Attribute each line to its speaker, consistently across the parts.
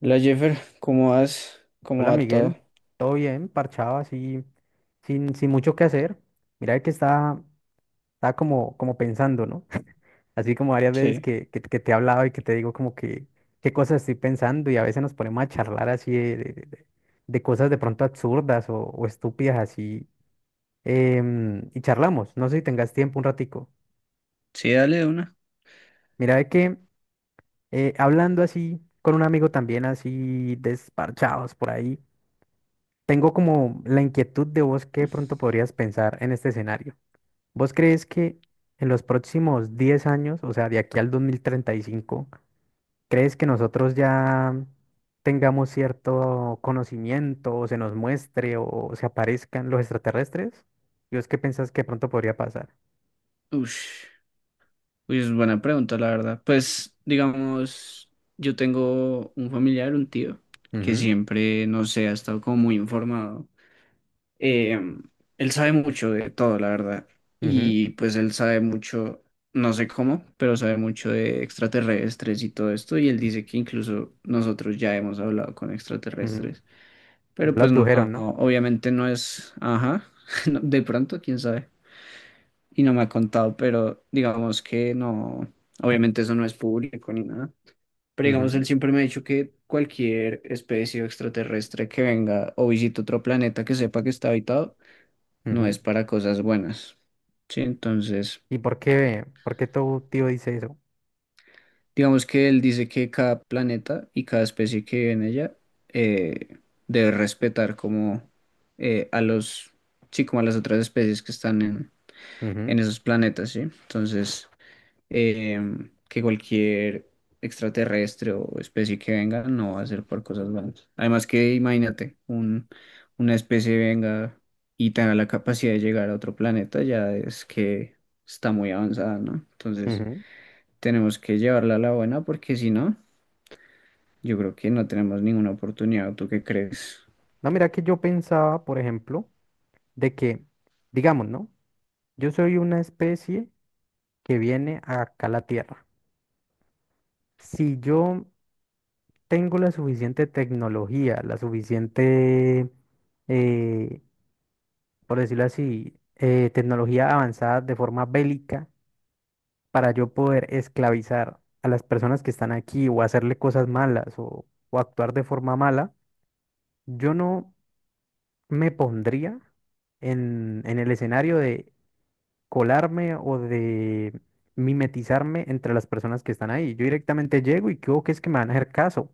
Speaker 1: La Jeffer, ¿cómo vas? ¿Cómo
Speaker 2: Hola
Speaker 1: va todo?
Speaker 2: Miguel, ¿todo bien? Parchado así, sin mucho que hacer. Mira que está como pensando, ¿no? Así como varias veces
Speaker 1: Sí.
Speaker 2: que te he hablado y que te digo como que qué cosas estoy pensando y a veces nos ponemos a charlar así de cosas de pronto absurdas o estúpidas así y charlamos. No sé si tengas tiempo un ratico.
Speaker 1: Sí, dale de una.
Speaker 2: Mira de que hablando así con un amigo también así desparchados por ahí. Tengo como la inquietud de vos que de pronto podrías pensar en este escenario. ¿Vos crees que en los próximos 10 años, o sea, de aquí al 2035, crees que nosotros ya tengamos cierto conocimiento o se nos muestre o se aparezcan los extraterrestres? ¿Y vos qué pensás que de pronto podría pasar?
Speaker 1: Ush. Uy, es buena pregunta, la verdad. Pues, digamos, yo tengo un familiar, un tío, que
Speaker 2: Ujú,
Speaker 1: siempre, no sé, ha estado como muy informado. Eh, Él sabe mucho de todo, la verdad.
Speaker 2: ujú,
Speaker 1: Y pues él sabe mucho, no sé cómo, pero sabe mucho de extraterrestres y todo esto. Y él dice que incluso nosotros ya hemos hablado con
Speaker 2: ujú.
Speaker 1: extraterrestres.
Speaker 2: Ya
Speaker 1: Pero
Speaker 2: lo
Speaker 1: pues no,
Speaker 2: abdujeron, ¿no?
Speaker 1: obviamente no es, ajá, no, de pronto, quién sabe. Y no me ha contado, pero digamos que no, obviamente eso no es público ni nada. Pero digamos,
Speaker 2: Ujú,
Speaker 1: él siempre me ha dicho que cualquier especie extraterrestre que venga o visite otro planeta que sepa que está habitado, no
Speaker 2: ujú.
Speaker 1: es para cosas buenas. Sí, entonces,
Speaker 2: ¿Y por qué tu tío dice eso?
Speaker 1: digamos que él dice que cada planeta y cada especie que vive en ella eh, debe respetar como a los, sí, como a las otras especies que están en
Speaker 2: Ujú,
Speaker 1: en esos planetas, ¿sí? Entonces, que cualquier extraterrestre o especie que venga no va a ser por cosas malas. Además que imagínate, un, una especie venga y tenga la capacidad de llegar a otro planeta, ya es que está muy avanzada, ¿no? Entonces,
Speaker 2: ujú.
Speaker 1: tenemos que llevarla a la buena porque si no, yo creo que no tenemos ninguna oportunidad. ¿Tú qué crees?
Speaker 2: No, mira que yo pensaba, por ejemplo, de que, digamos, ¿no? Yo soy una especie que viene acá a la Tierra. Si yo tengo la suficiente tecnología, la suficiente, eh, por decirlo así, tecnología avanzada de forma bélica para yo poder esclavizar a las personas que están aquí o hacerle cosas malas o actuar de forma mala, yo no me pondría en el escenario de colarme o de mimetizarme entre las personas que están ahí. Yo directamente llego y creo que es que me van a hacer caso.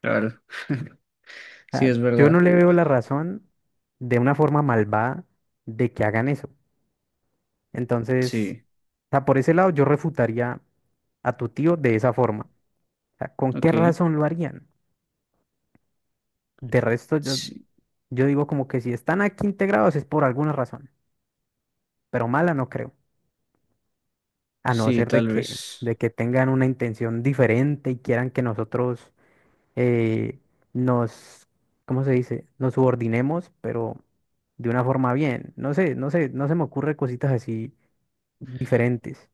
Speaker 1: Claro.
Speaker 2: O
Speaker 1: Sí,
Speaker 2: sea,
Speaker 1: es
Speaker 2: yo no
Speaker 1: verdad.
Speaker 2: le veo la razón de una forma malvada de que hagan eso. Entonces,
Speaker 1: Sí,
Speaker 2: o sea, por ese lado yo refutaría a tu tío de esa forma. O sea, ¿con qué
Speaker 1: ok.
Speaker 2: razón lo harían? De resto, yo,
Speaker 1: Sí,
Speaker 2: yo digo como que si están aquí integrados es por alguna razón, pero mala no creo, a no
Speaker 1: sí,
Speaker 2: ser de
Speaker 1: tal
Speaker 2: que,
Speaker 1: vez.
Speaker 2: de que tengan una intención diferente y quieran que nosotros eh, nos, ¿cómo se dice? Nos subordinemos, pero de una forma bien. No sé, no sé, no se me ocurre cositas así diferentes.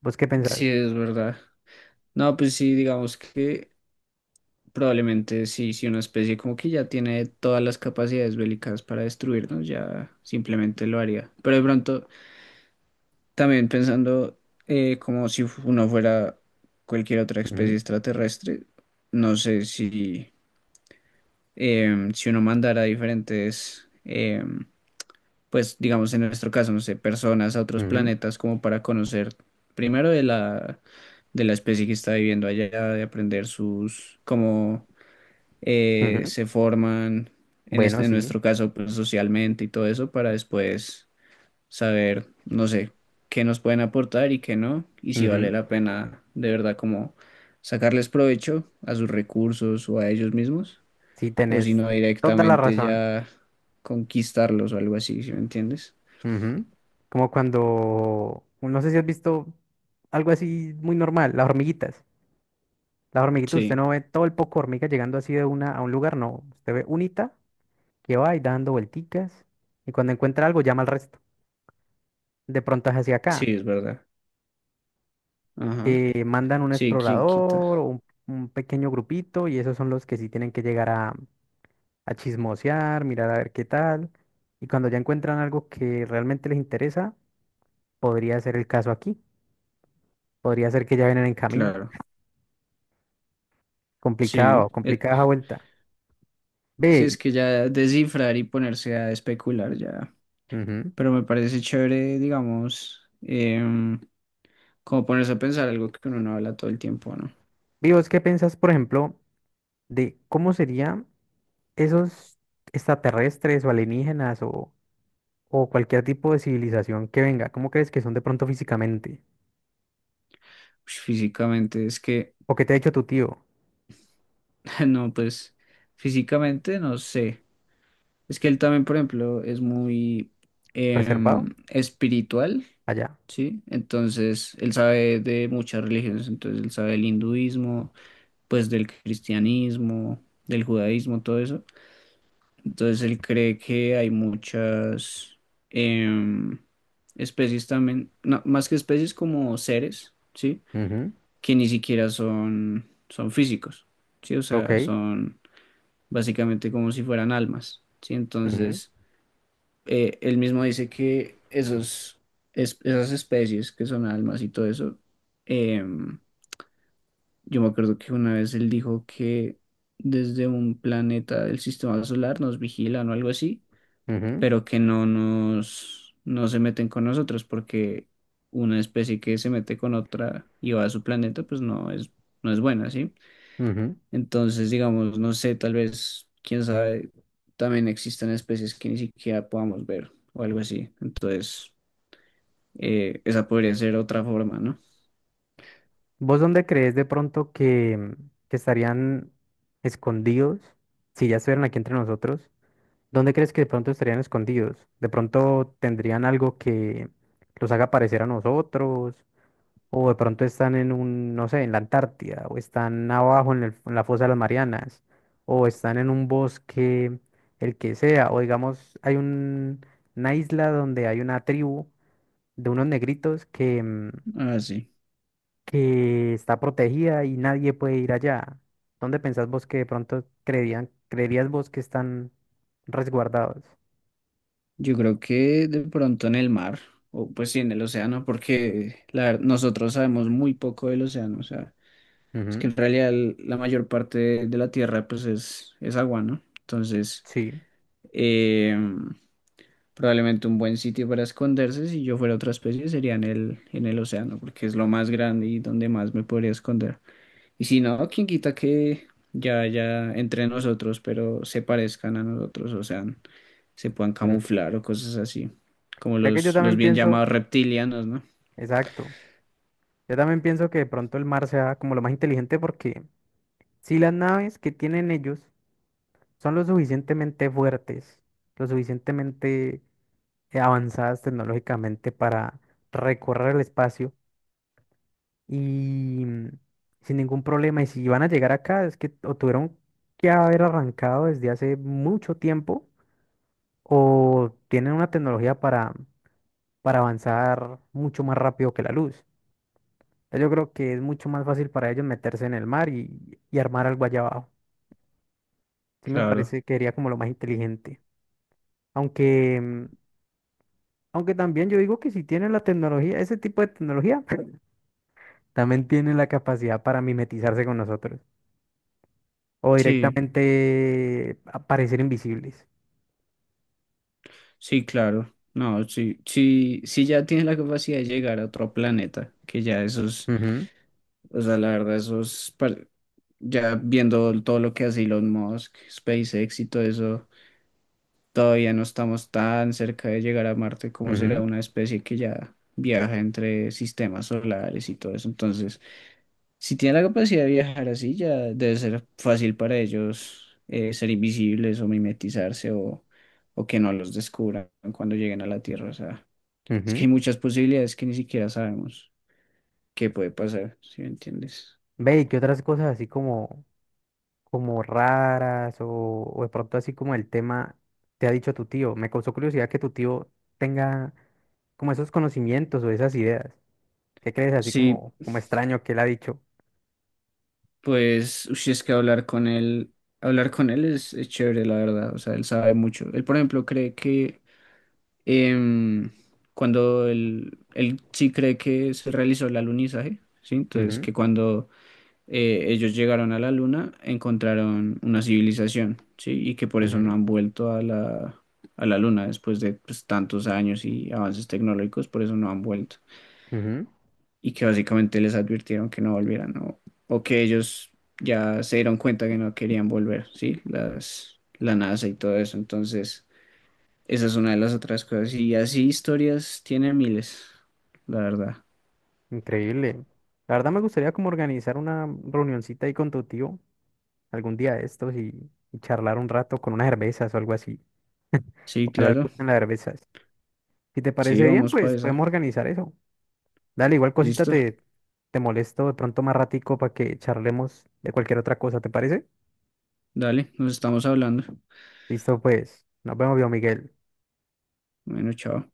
Speaker 2: ¿Vos qué pensás?
Speaker 1: Sí, es verdad. No, pues sí, digamos que probablemente sí, si una especie como que ya tiene todas las capacidades bélicas para destruirnos, ya simplemente lo haría. Pero de pronto, también pensando como si uno fuera cualquier otra especie
Speaker 2: Ujú,
Speaker 1: extraterrestre, no sé si, si uno mandara diferentes, pues digamos en nuestro caso, no sé, personas a otros
Speaker 2: ujú,
Speaker 1: planetas como para conocer primero de la especie que está viviendo allá, de aprender sus, como
Speaker 2: ujú.
Speaker 1: se forman,
Speaker 2: Bueno,
Speaker 1: en
Speaker 2: sí,
Speaker 1: nuestro caso, pues socialmente y todo eso, para después saber, no sé, qué nos pueden aportar y qué no, y si vale
Speaker 2: ujú,
Speaker 1: la pena de verdad como sacarles provecho a sus recursos o a ellos mismos,
Speaker 2: sí,
Speaker 1: o si
Speaker 2: tenés
Speaker 1: no
Speaker 2: toda la
Speaker 1: directamente
Speaker 2: razón.
Speaker 1: ya conquistarlos o algo así, ¿si me entiendes?
Speaker 2: Ujú. Como cuando, no sé si has visto algo así muy normal, las hormiguitas. Las hormiguitas, usted
Speaker 1: Sí,
Speaker 2: no ve todo el poco hormiga llegando así de una a un lugar, no. Usted ve unita que va y dando vuelticas y cuando encuentra algo llama al resto. De pronto es hacia
Speaker 1: sí,
Speaker 2: acá,
Speaker 1: es verdad. Ajá.
Speaker 2: que mandan un
Speaker 1: Sí, quién quita.
Speaker 2: explorador o un pequeño grupito y esos son los que sí tienen que llegar a chismosear, mirar a ver qué tal. Y cuando ya encuentran algo que realmente les interesa, podría ser el caso aquí. Podría ser que ya vienen en camino.
Speaker 1: Claro. Sí.
Speaker 2: Complicado, complicada esa vuelta.
Speaker 1: Sí,
Speaker 2: Ve,
Speaker 1: es que ya descifrar y ponerse a especular ya.
Speaker 2: ujú.
Speaker 1: Pero me parece chévere, digamos, como ponerse a pensar algo que uno no habla todo el tiempo, ¿no?
Speaker 2: Ve, ¿vos qué piensas, por ejemplo, de cómo serían esos extraterrestres o alienígenas o cualquier tipo de civilización que venga? ¿Cómo crees que son de pronto físicamente?
Speaker 1: Ush, físicamente, es que,
Speaker 2: ¿O qué te ha dicho tu tío?
Speaker 1: no, pues, físicamente no sé. Es que él también, por ejemplo, es muy
Speaker 2: ¿Reservado?
Speaker 1: espiritual,
Speaker 2: Allá.
Speaker 1: ¿sí? Entonces, él sabe de muchas religiones, entonces él sabe del hinduismo, pues del cristianismo, del judaísmo, todo eso. Entonces él cree que hay muchas em, especies también, no, más que especies como seres, ¿sí?
Speaker 2: Ujú,
Speaker 1: Que ni siquiera son, son físicos, ¿sí? O sea,
Speaker 2: ok.
Speaker 1: son básicamente como si fueran almas, ¿sí?
Speaker 2: Ujú,
Speaker 1: Entonces él mismo dice que esos, esas especies que son almas y todo eso, em, yo me acuerdo que una vez él dijo que desde un planeta del sistema solar nos vigilan o algo así,
Speaker 2: ujú,
Speaker 1: pero que no nos, no se meten con nosotros, porque una especie que se mete con otra y va a su planeta, pues no es, no es buena, ¿sí?
Speaker 2: ujú.
Speaker 1: Entonces, digamos, no sé, tal vez, quién sabe, también existen especies que ni siquiera podamos ver o algo así. Entonces, esa podría ser otra forma, ¿no?
Speaker 2: ¿Vos dónde crees de pronto que estarían escondidos? Si ya estuvieran aquí entre nosotros, ¿dónde crees que de pronto estarían escondidos? ¿De pronto tendrían algo que los haga parecer a nosotros? O de pronto están en un, no sé, en la Antártida, o están abajo en la fosa de las Marianas, o están en un bosque, el que sea, o digamos, hay una isla donde hay una tribu de unos negritos que,
Speaker 1: Ah, sí.
Speaker 2: que está protegida y nadie puede ir allá. ¿Dónde pensás vos que de pronto creerían, creerías vos que están resguardados?
Speaker 1: Yo creo que de pronto en el mar, o pues sí, en el océano, porque la, nosotros sabemos muy poco del océano, o sea. Es que
Speaker 2: Ujú,
Speaker 1: en realidad la mayor parte de la Tierra pues es agua, ¿no? Entonces,
Speaker 2: sí.
Speaker 1: eh, probablemente un buen sitio para esconderse, si yo fuera otra especie, sería en el océano, porque es lo más grande y donde más me podría esconder. Y si no, quién quita que ya entre nosotros, pero se parezcan a nosotros, o sea, se puedan
Speaker 2: Ujú.
Speaker 1: camuflar o cosas así, como
Speaker 2: Creo que yo
Speaker 1: los
Speaker 2: también
Speaker 1: bien
Speaker 2: pienso,
Speaker 1: llamados reptilianos, ¿no?
Speaker 2: exacto, yo también pienso que de pronto el mar sea como lo más inteligente porque... Si las naves que tienen ellos son lo suficientemente fuertes, lo suficientemente avanzadas tecnológicamente para recorrer el espacio y sin ningún problema, y si van a llegar acá, es que o tuvieron que haber arrancado desde hace mucho tiempo o tienen una tecnología para avanzar mucho más rápido que la luz. Ya, yo creo que es mucho más fácil para ellos meterse en el mar y armar algo allá abajo. Sí me
Speaker 1: Claro.
Speaker 2: parece que sería como lo más inteligente. Aunque, mm, aunque también yo digo que si tiene la tecnología, ese tipo de tecnología, también tiene la capacidad para mimetizarse con nosotros o
Speaker 1: Sí.
Speaker 2: directamente aparecer invisibles.
Speaker 1: Sí, claro. No, sí, sí, sí ya tienes la capacidad de llegar a otro planeta, que ya esos,
Speaker 2: Ujú,
Speaker 1: o sea, la verdad, esos, ya viendo todo lo que hace Elon Musk, SpaceX y todo eso, todavía no estamos tan cerca de llegar a Marte como será
Speaker 2: ujú,
Speaker 1: una especie que ya viaja entre sistemas solares y todo eso. Entonces, si tiene la capacidad de viajar así, ya debe ser fácil para ellos ser invisibles o mimetizarse o que no los descubran cuando lleguen a la Tierra. O sea. Es que
Speaker 2: ujú.
Speaker 1: hay muchas posibilidades que ni siquiera sabemos qué puede pasar, ¿si me entiendes?
Speaker 2: Ve, ¿y qué otras cosas así como raras o de pronto así como el tema te ha dicho tu tío? Me causó curiosidad que tu tío tenga como esos conocimientos o esas ideas. ¿Qué crees así
Speaker 1: Sí,
Speaker 2: como extraño que él ha dicho?
Speaker 1: pues, uy, es que hablar con él es chévere, la verdad. O sea, él sabe mucho. Él, por ejemplo, cree que em, cuando él sí cree que se realizó el alunizaje, ¿sí? Entonces,
Speaker 2: Ujú,
Speaker 1: que cuando ellos llegaron a la luna, encontraron una civilización, ¿sí? Y que por eso no
Speaker 2: ujú,
Speaker 1: han vuelto a la luna después de pues, tantos años y avances tecnológicos, por eso no han vuelto.
Speaker 2: ujú.
Speaker 1: Y que básicamente les advirtieron que no volvieran o que ellos ya se dieron cuenta que no querían volver, ¿sí? Las, la NASA y todo eso. Entonces, esa es una de las otras cosas. Y así historias tiene miles, la verdad.
Speaker 2: Increíble. La verdad me gustaría como organizar una reunioncita ahí con tu tío algún día de estos y charlar un rato con unas cervezas o algo así.
Speaker 1: Sí,
Speaker 2: Ojalá le
Speaker 1: claro.
Speaker 2: gusten las cervezas. Si te
Speaker 1: Sí,
Speaker 2: parece bien,
Speaker 1: vamos para
Speaker 2: pues
Speaker 1: esa.
Speaker 2: podemos organizar eso. Dale, igual cosita
Speaker 1: ¿Listo?
Speaker 2: te molesto de pronto más ratico para que charlemos de cualquier otra cosa, ¿te parece?
Speaker 1: Dale, nos estamos hablando.
Speaker 2: Listo, pues. Nos vemos, viejo Miguel.
Speaker 1: Bueno, chao.